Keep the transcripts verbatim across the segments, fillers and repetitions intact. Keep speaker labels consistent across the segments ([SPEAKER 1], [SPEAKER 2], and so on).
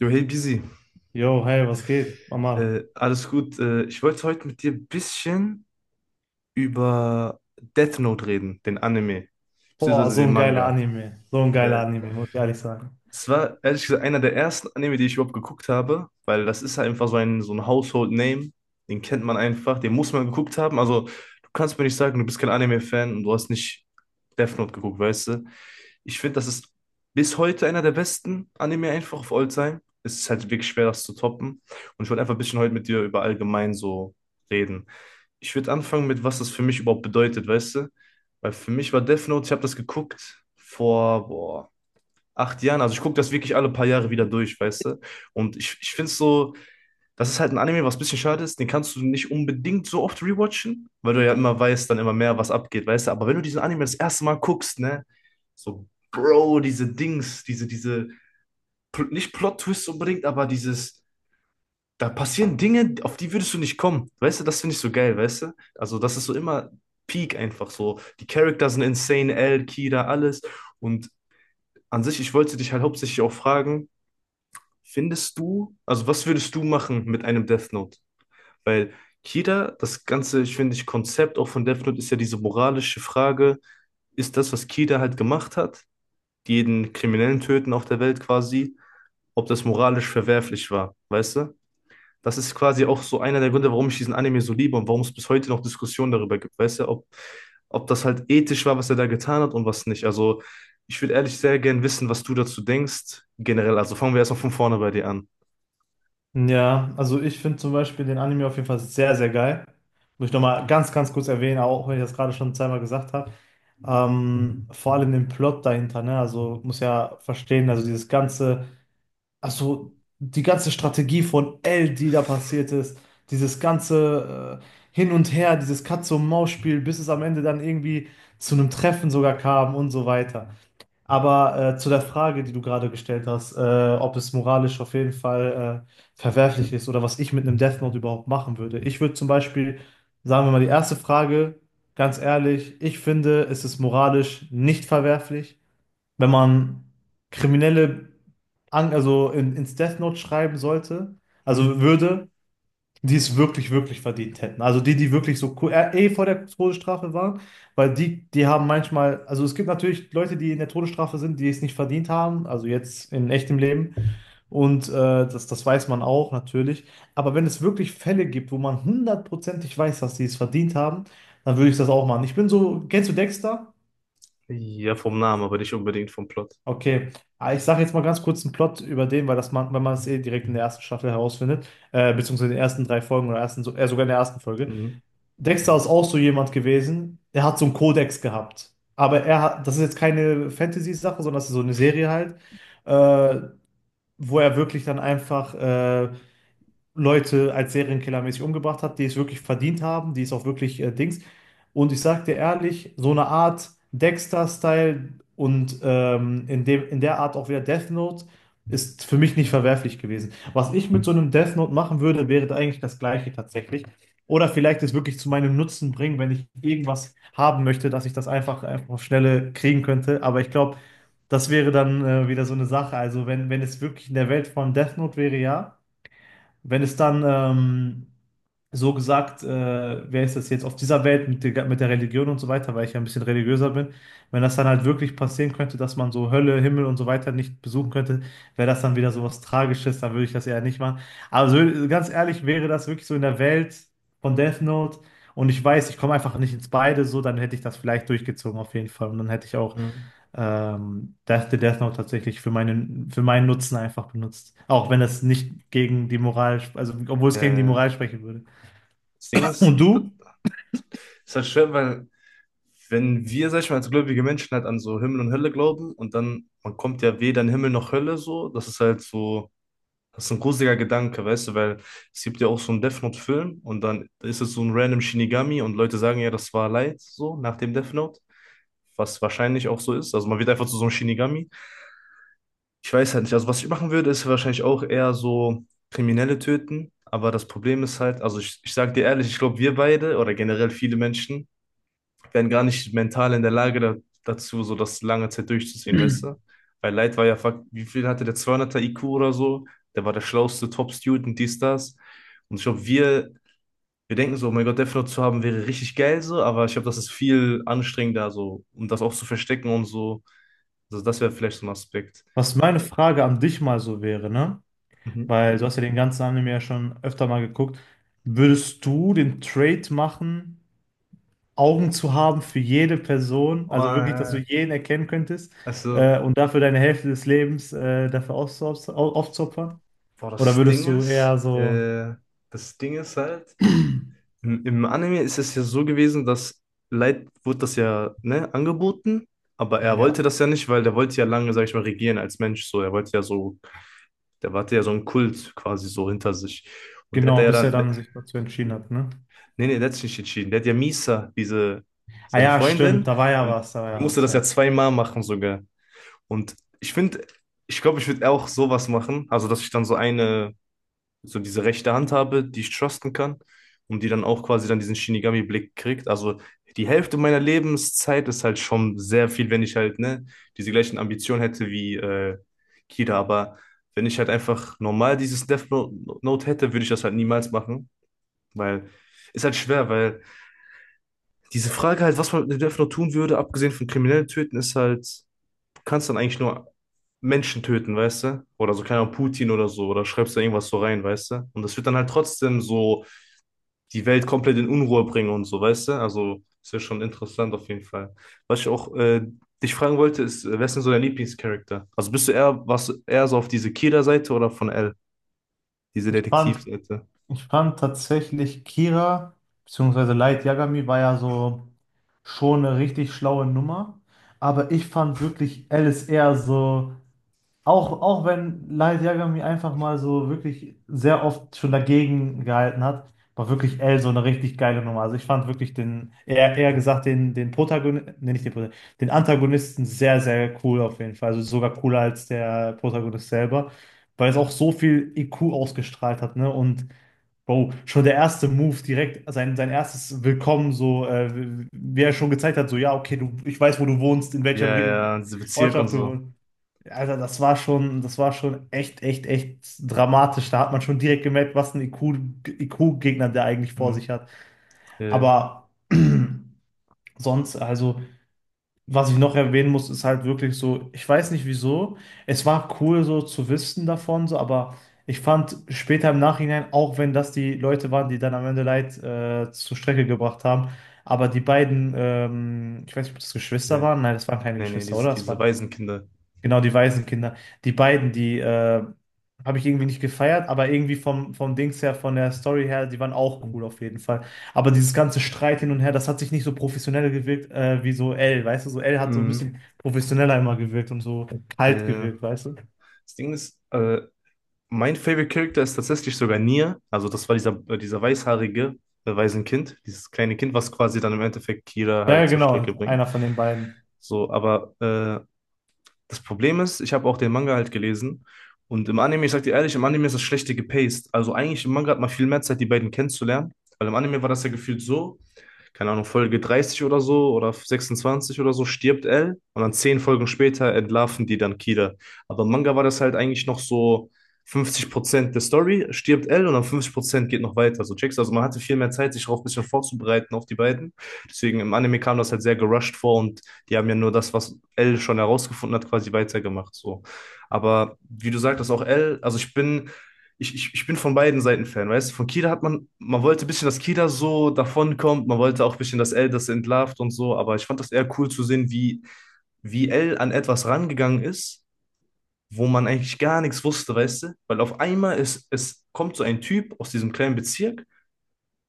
[SPEAKER 1] Jo, hey Busy,
[SPEAKER 2] Yo, hey, was geht, Mama?
[SPEAKER 1] äh, alles gut. Äh, ich wollte heute mit dir ein bisschen über Death Note reden, den Anime,
[SPEAKER 2] Boah,
[SPEAKER 1] beziehungsweise
[SPEAKER 2] so
[SPEAKER 1] den
[SPEAKER 2] ein geiler
[SPEAKER 1] Manga.
[SPEAKER 2] Anime. So ein geiler
[SPEAKER 1] Der
[SPEAKER 2] Anime, muss ich ehrlich sagen.
[SPEAKER 1] Es war ehrlich gesagt einer der ersten Anime, die ich überhaupt geguckt habe, weil das ist halt einfach so ein, so ein Household Name. Den kennt man einfach, den muss man geguckt haben. Also, du kannst mir nicht sagen, du bist kein Anime-Fan und du hast nicht Death Note geguckt, weißt du? Ich finde, das ist bis heute einer der besten Anime einfach of all time. Es ist halt wirklich schwer, das zu toppen. Und ich wollte einfach ein bisschen heute mit dir über allgemein so reden. Ich würde anfangen mit, was das für mich überhaupt bedeutet, weißt du? Weil für mich war Death Note, ich habe das geguckt vor, boah acht Jahren. Also ich gucke das wirklich alle paar Jahre wieder durch, weißt du? Und ich, ich finde es so, das ist halt ein Anime, was ein bisschen schade ist. Den kannst du nicht unbedingt so oft rewatchen, weil du ja immer weißt, dann immer mehr, was abgeht, weißt du? Aber wenn du diesen Anime das erste Mal guckst, ne? So, Bro, diese Dings, diese, diese, pl- nicht Plot-Twist unbedingt, aber dieses, da passieren Dinge, auf die würdest du nicht kommen. Weißt du, das finde ich so geil, weißt du? Also das ist so immer Peak einfach so. Die Charakter sind insane, L, Kira, alles. Und an sich, ich wollte dich halt hauptsächlich auch fragen, findest du, also was würdest du machen mit einem Death Note? Weil Kida, das ganze, ich finde, ich Konzept auch von Death Note ist ja diese moralische Frage, ist das, was Kida halt gemacht hat, jeden Kriminellen töten auf der Welt quasi, ob das moralisch verwerflich war, weißt du? Das ist quasi auch so einer der Gründe, warum ich diesen Anime so liebe und warum es bis heute noch Diskussionen darüber gibt, weißt du, ob, ob das halt ethisch war, was er da getan hat und was nicht. Also ich würde ehrlich sehr gern wissen, was du dazu denkst, generell. Also fangen wir erstmal von vorne bei dir an.
[SPEAKER 2] Ja, also ich finde zum Beispiel den Anime auf jeden Fall sehr, sehr geil. Muss ich nochmal ganz, ganz kurz erwähnen, auch wenn ich das gerade schon zweimal gesagt habe. Ähm, vor allem den Plot dahinter, ne? Also muss ja verstehen, also dieses ganze, also die ganze Strategie von L, die da passiert ist, dieses ganze äh, Hin und Her, dieses Katze-und-Maus-Spiel, bis es am Ende dann irgendwie zu einem Treffen sogar kam und so weiter. Aber äh, zu der Frage, die du gerade gestellt hast, äh, ob es moralisch auf jeden Fall äh, verwerflich ist oder was ich mit einem Death Note überhaupt machen würde. Ich würde zum Beispiel, sagen wir mal, die erste Frage, ganz ehrlich, ich finde, es ist moralisch nicht verwerflich, wenn man Kriminelle an, also in, ins Death Note schreiben sollte,
[SPEAKER 1] Hm?
[SPEAKER 2] also würde die es wirklich, wirklich verdient hätten. Also die, die wirklich so ko- äh, eh vor der Todesstrafe waren, weil die, die haben manchmal, also es gibt natürlich Leute, die in der Todesstrafe sind, die es nicht verdient haben, also jetzt in echtem Leben. Und äh, das, das weiß man auch natürlich. Aber wenn es wirklich Fälle gibt, wo man hundertprozentig weiß, dass die es verdient haben, dann würde ich das auch machen. Ich bin so, kennst du Dexter?
[SPEAKER 1] Ja, vom Namen, aber nicht unbedingt vom Plot.
[SPEAKER 2] Okay. Ah, ich sage jetzt mal ganz kurz einen Plot über den, weil das man, wenn man es eh direkt in der ersten Staffel herausfindet, äh, beziehungsweise in den ersten drei Folgen oder ersten, so- äh, sogar in der ersten Folge.
[SPEAKER 1] Mhm.
[SPEAKER 2] Dexter ist auch so jemand gewesen, der hat so einen Kodex gehabt. Aber er hat, das ist jetzt keine Fantasy-Sache, sondern das ist so eine Serie halt, äh, wo er wirklich dann einfach äh, Leute als Serienkillermäßig umgebracht hat, die es wirklich verdient haben, die es auch wirklich äh, Dings. Und ich sag dir ehrlich, so eine Art Dexter-Style und ähm, in dem, in der Art auch wieder Death Note ist für mich nicht verwerflich gewesen. Was ich mit so einem Death Note machen würde, wäre da eigentlich das Gleiche tatsächlich. Oder vielleicht es wirklich zu meinem Nutzen bringen, wenn ich irgendwas haben möchte, dass ich das einfach, einfach auf Schnelle kriegen könnte. Aber ich glaube, das wäre dann äh, wieder so eine Sache. Also wenn, wenn es wirklich in der Welt von Death Note wäre, ja. Wenn es dann ähm, so gesagt, äh, wer ist das jetzt auf dieser Welt mit der, mit der Religion und so weiter, weil ich ja ein bisschen religiöser bin, wenn das dann halt wirklich passieren könnte, dass man so Hölle, Himmel und so weiter nicht besuchen könnte, wäre das dann wieder so was Tragisches, dann würde ich das eher nicht machen. Aber so, ganz ehrlich, wäre das wirklich so in der Welt von Death Note und ich weiß, ich komme einfach nicht ins Beide, so, dann hätte ich das vielleicht durchgezogen auf jeden Fall und dann hätte ich auch
[SPEAKER 1] Mhm.
[SPEAKER 2] ähm, Death, the Death Note tatsächlich für meinen, für meinen Nutzen einfach benutzt. Auch wenn das nicht gegen die Moral, sp- also obwohl
[SPEAKER 1] Ja,
[SPEAKER 2] es gegen die
[SPEAKER 1] ja, ja.
[SPEAKER 2] Moral sprechen würde.
[SPEAKER 1] Das Ding ist,
[SPEAKER 2] Und
[SPEAKER 1] das
[SPEAKER 2] du,
[SPEAKER 1] ist halt schwer, weil wenn wir, sag ich mal, als gläubige Menschen halt an so Himmel und Hölle glauben und dann, man kommt ja weder in Himmel noch Hölle so, das ist halt so, das ist ein gruseliger Gedanke, weißt du, weil es gibt ja auch so einen Death Note-Film und dann ist es so ein random Shinigami und Leute sagen ja, das war Light so nach dem Death Note, was wahrscheinlich auch so ist. Also man wird einfach zu so einem Shinigami. Ich weiß halt nicht. Also, was ich machen würde, ist wahrscheinlich auch eher so Kriminelle töten. Aber das Problem ist halt, also ich, ich sage dir ehrlich, ich glaube, wir beide oder generell viele Menschen wären gar nicht mental in der Lage da, dazu, so das lange Zeit durchzuziehen, weißt du? Weil Light war ja, fuck, wie viel hatte der zweihunderter I Q oder so? Der war der schlauste Top-Student, dies, das. Und ich glaube, wir, wir denken so, oh mein Gott, Death Note zu haben wäre richtig geil so, aber ich glaube, das ist viel anstrengender so, um das auch zu verstecken und so. Also, das wäre vielleicht so ein Aspekt.
[SPEAKER 2] was meine Frage an dich mal so wäre, ne?
[SPEAKER 1] Mhm.
[SPEAKER 2] Weil du hast ja den ganzen Anime ja schon öfter mal geguckt. Würdest du den Trade machen, Augen zu haben für jede Person, also wirklich, dass du jeden erkennen könntest,
[SPEAKER 1] Also,
[SPEAKER 2] äh, und dafür deine Hälfte des Lebens, äh, dafür aufzuopfern? Aufzuopfern?
[SPEAKER 1] boah,
[SPEAKER 2] Oder
[SPEAKER 1] das
[SPEAKER 2] würdest
[SPEAKER 1] Ding
[SPEAKER 2] du
[SPEAKER 1] ist,
[SPEAKER 2] eher so,
[SPEAKER 1] äh, das Ding ist halt, im, im Anime ist es ja so gewesen, dass Light wurde das ja, ne, angeboten, aber er wollte
[SPEAKER 2] ja.
[SPEAKER 1] das ja nicht, weil der wollte ja lange, sag ich mal, regieren als Mensch, so, er wollte ja so, der hatte ja so einen Kult quasi so hinter sich und der hat
[SPEAKER 2] Genau,
[SPEAKER 1] ja
[SPEAKER 2] bis er
[SPEAKER 1] dann,
[SPEAKER 2] dann sich dazu entschieden
[SPEAKER 1] nee,
[SPEAKER 2] hat, ne?
[SPEAKER 1] nee, der hat sich nicht entschieden, der hat ja Misa, diese,
[SPEAKER 2] Ah
[SPEAKER 1] seine
[SPEAKER 2] ja, stimmt,
[SPEAKER 1] Freundin
[SPEAKER 2] da war ja
[SPEAKER 1] und
[SPEAKER 2] was, da war
[SPEAKER 1] die
[SPEAKER 2] ja
[SPEAKER 1] musste
[SPEAKER 2] was,
[SPEAKER 1] das ja
[SPEAKER 2] ja.
[SPEAKER 1] zweimal machen sogar und ich finde, ich glaube, ich würde auch sowas machen, also, dass ich dann so eine so diese rechte Hand habe, die ich trusten kann und die dann auch quasi dann diesen Shinigami-Blick kriegt. Also die Hälfte meiner Lebenszeit ist halt schon sehr viel, wenn ich halt ne, diese gleichen Ambitionen hätte wie äh, Kira. Aber wenn ich halt einfach normal dieses Death Note Note hätte, würde ich das halt niemals machen, weil ist halt schwer, weil diese Frage halt, was man mit Death Note tun würde, abgesehen von Kriminellen töten, ist halt, du kannst dann eigentlich nur Menschen töten, weißt du? Oder so, keine Ahnung, Putin oder so, oder schreibst da irgendwas so rein, weißt du? Und das wird dann halt trotzdem so die Welt komplett in Unruhe bringen und so, weißt du? Also ist ja schon interessant auf jeden Fall. Was ich auch äh, dich fragen wollte, ist, äh, wer ist denn so dein Lieblingscharakter? Also bist du eher, was eher so auf diese Kira-Seite oder von L, diese
[SPEAKER 2] Ich fand,
[SPEAKER 1] Detektivseite?
[SPEAKER 2] ich fand tatsächlich Kira, beziehungsweise Light Yagami war ja so schon eine richtig schlaue Nummer, aber ich fand wirklich Alice eher so. Auch, auch wenn Light Yagami einfach mal so wirklich sehr oft schon dagegen gehalten hat, war wirklich L so eine richtig geile Nummer. Also ich fand wirklich den, eher, eher gesagt, den, den Protagonisten, nee, nicht den Protagonisten, den Antagonisten sehr, sehr cool auf jeden Fall. Also sogar cooler als der Protagonist selber, weil es auch so viel I Q ausgestrahlt hat, ne? Und Bro, schon der erste Move direkt, sein, sein erstes Willkommen, so, äh, wie er schon gezeigt hat, so, ja, okay, du, ich weiß, wo du wohnst, in welcher
[SPEAKER 1] Ja,
[SPEAKER 2] Re-
[SPEAKER 1] ja, diese Bezirk und
[SPEAKER 2] Ortschaft du
[SPEAKER 1] so.
[SPEAKER 2] wohnst. Alter, das war schon, das war schon echt, echt, echt dramatisch. Da hat man schon direkt gemerkt, was ein IQ, I Q-Gegner der eigentlich vor
[SPEAKER 1] Mhm.
[SPEAKER 2] sich hat.
[SPEAKER 1] Ja,
[SPEAKER 2] Aber sonst, also, was ich noch erwähnen muss, ist halt wirklich so, ich weiß nicht wieso. Es war cool, so zu wissen davon, so, aber ich fand später im Nachhinein, auch wenn das die Leute waren, die dann am Ende Leid äh, zur Strecke gebracht haben, aber die beiden, ähm, ich weiß nicht, ob das Geschwister
[SPEAKER 1] ja.
[SPEAKER 2] waren. Nein, das waren keine
[SPEAKER 1] Nee, nee,
[SPEAKER 2] Geschwister,
[SPEAKER 1] diese,
[SPEAKER 2] oder? Das
[SPEAKER 1] diese
[SPEAKER 2] waren...
[SPEAKER 1] Waisenkinder.
[SPEAKER 2] Genau, die Waisenkinder. Die beiden, die äh, habe ich irgendwie nicht gefeiert, aber irgendwie vom, vom Dings her, von der Story her, die waren auch
[SPEAKER 1] Mhm.
[SPEAKER 2] cool auf jeden Fall. Aber dieses ganze Streit hin und her, das hat sich nicht so professionell gewirkt äh, wie so L, weißt du? So L hat so ein
[SPEAKER 1] Mhm.
[SPEAKER 2] bisschen professioneller immer gewirkt und so kalt
[SPEAKER 1] Äh,
[SPEAKER 2] gewirkt, weißt du?
[SPEAKER 1] das Ding ist, äh, Mein Favorite Character ist tatsächlich sogar Nier. Also das war dieser, äh, dieser weißhaarige, äh, Waisenkind, dieses kleine Kind, was quasi dann im Endeffekt Kira
[SPEAKER 2] Ja, ja,
[SPEAKER 1] halt zur Strecke
[SPEAKER 2] genau,
[SPEAKER 1] bringt.
[SPEAKER 2] einer von den beiden.
[SPEAKER 1] So, aber äh, das Problem ist, ich habe auch den Manga halt gelesen. Und im Anime, ich sag dir ehrlich, im Anime ist das schlechte gepaced. Also eigentlich im Manga hat man viel mehr Zeit, die beiden kennenzulernen. Weil im Anime war das ja gefühlt so, keine Ahnung, Folge dreißig oder so oder sechsundzwanzig oder so stirbt L und dann zehn Folgen später entlarven die dann Kida. Aber im Manga war das halt eigentlich noch so fünfzig Prozent der Story stirbt L und dann fünfzig Prozent geht noch weiter. So checkst du? Also man hatte viel mehr Zeit, sich darauf ein bisschen vorzubereiten auf die beiden. Deswegen im Anime kam das halt sehr gerusht vor und die haben ja nur das, was L schon herausgefunden hat, quasi weitergemacht. So. Aber wie du sagtest, auch L, also ich bin ich, ich, ich bin von beiden Seiten Fan, weißt du? Von Kida hat man, man wollte ein bisschen, dass Kida so davonkommt, man wollte auch ein bisschen, dass L das entlarvt und so, aber ich fand das eher cool zu sehen, wie, wie L an etwas rangegangen ist, wo man eigentlich gar nichts wusste, weißt du? Weil auf einmal ist, es kommt so ein Typ aus diesem kleinen Bezirk,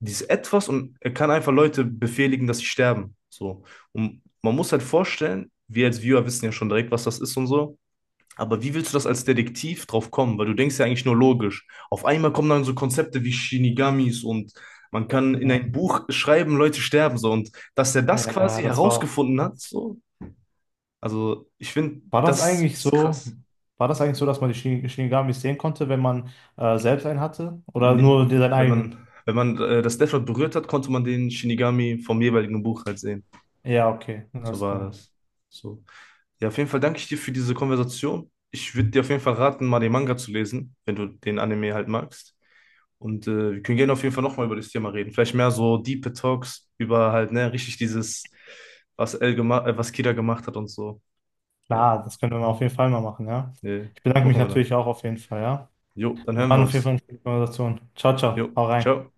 [SPEAKER 1] dieses Etwas und er kann einfach Leute befehligen, dass sie sterben. So. Und man muss halt vorstellen, wir als Viewer wissen ja schon direkt, was das ist und so. Aber wie willst du das als Detektiv drauf kommen? Weil du denkst ja eigentlich nur logisch. Auf einmal kommen dann so Konzepte wie Shinigamis und man kann in
[SPEAKER 2] Genau.
[SPEAKER 1] ein Buch schreiben, Leute sterben so. Und dass er das
[SPEAKER 2] Ja,
[SPEAKER 1] quasi
[SPEAKER 2] das war auch
[SPEAKER 1] herausgefunden hat,
[SPEAKER 2] krass.
[SPEAKER 1] so, also ich finde,
[SPEAKER 2] War das
[SPEAKER 1] das
[SPEAKER 2] eigentlich
[SPEAKER 1] ist
[SPEAKER 2] so,
[SPEAKER 1] krass.
[SPEAKER 2] war das eigentlich so, dass man die Shin- Shinigamis sehen konnte, wenn man äh, selbst einen hatte? Oder
[SPEAKER 1] Nee,
[SPEAKER 2] nur den- seinen
[SPEAKER 1] wenn man,
[SPEAKER 2] eigenen?
[SPEAKER 1] wenn man äh, das Death Note berührt hat, konnte man den Shinigami vom jeweiligen Buch halt sehen.
[SPEAKER 2] Ja, okay,
[SPEAKER 1] So
[SPEAKER 2] alles
[SPEAKER 1] war
[SPEAKER 2] klar.
[SPEAKER 1] das. So. Ja, auf jeden Fall danke ich dir für diese Konversation. Ich würde dir auf jeden Fall raten, mal den Manga zu lesen, wenn du den Anime halt magst. Und äh, wir können gerne auf jeden Fall nochmal über das Thema reden. Vielleicht mehr so Deep Talks über halt, ne, richtig dieses, was El gemacht, äh, was Kida gemacht hat und so. Ja,
[SPEAKER 2] Klar, das können wir auf jeden Fall mal machen, ja.
[SPEAKER 1] nee,
[SPEAKER 2] Ich bedanke mich
[SPEAKER 1] machen wir
[SPEAKER 2] natürlich
[SPEAKER 1] dann.
[SPEAKER 2] auch auf jeden Fall, ja.
[SPEAKER 1] Jo, dann
[SPEAKER 2] Das
[SPEAKER 1] hören
[SPEAKER 2] war
[SPEAKER 1] wir
[SPEAKER 2] auf jeden Fall
[SPEAKER 1] uns.
[SPEAKER 2] eine schöne Konversation. Ciao, ciao.
[SPEAKER 1] Jo,
[SPEAKER 2] Hau rein.
[SPEAKER 1] ciao.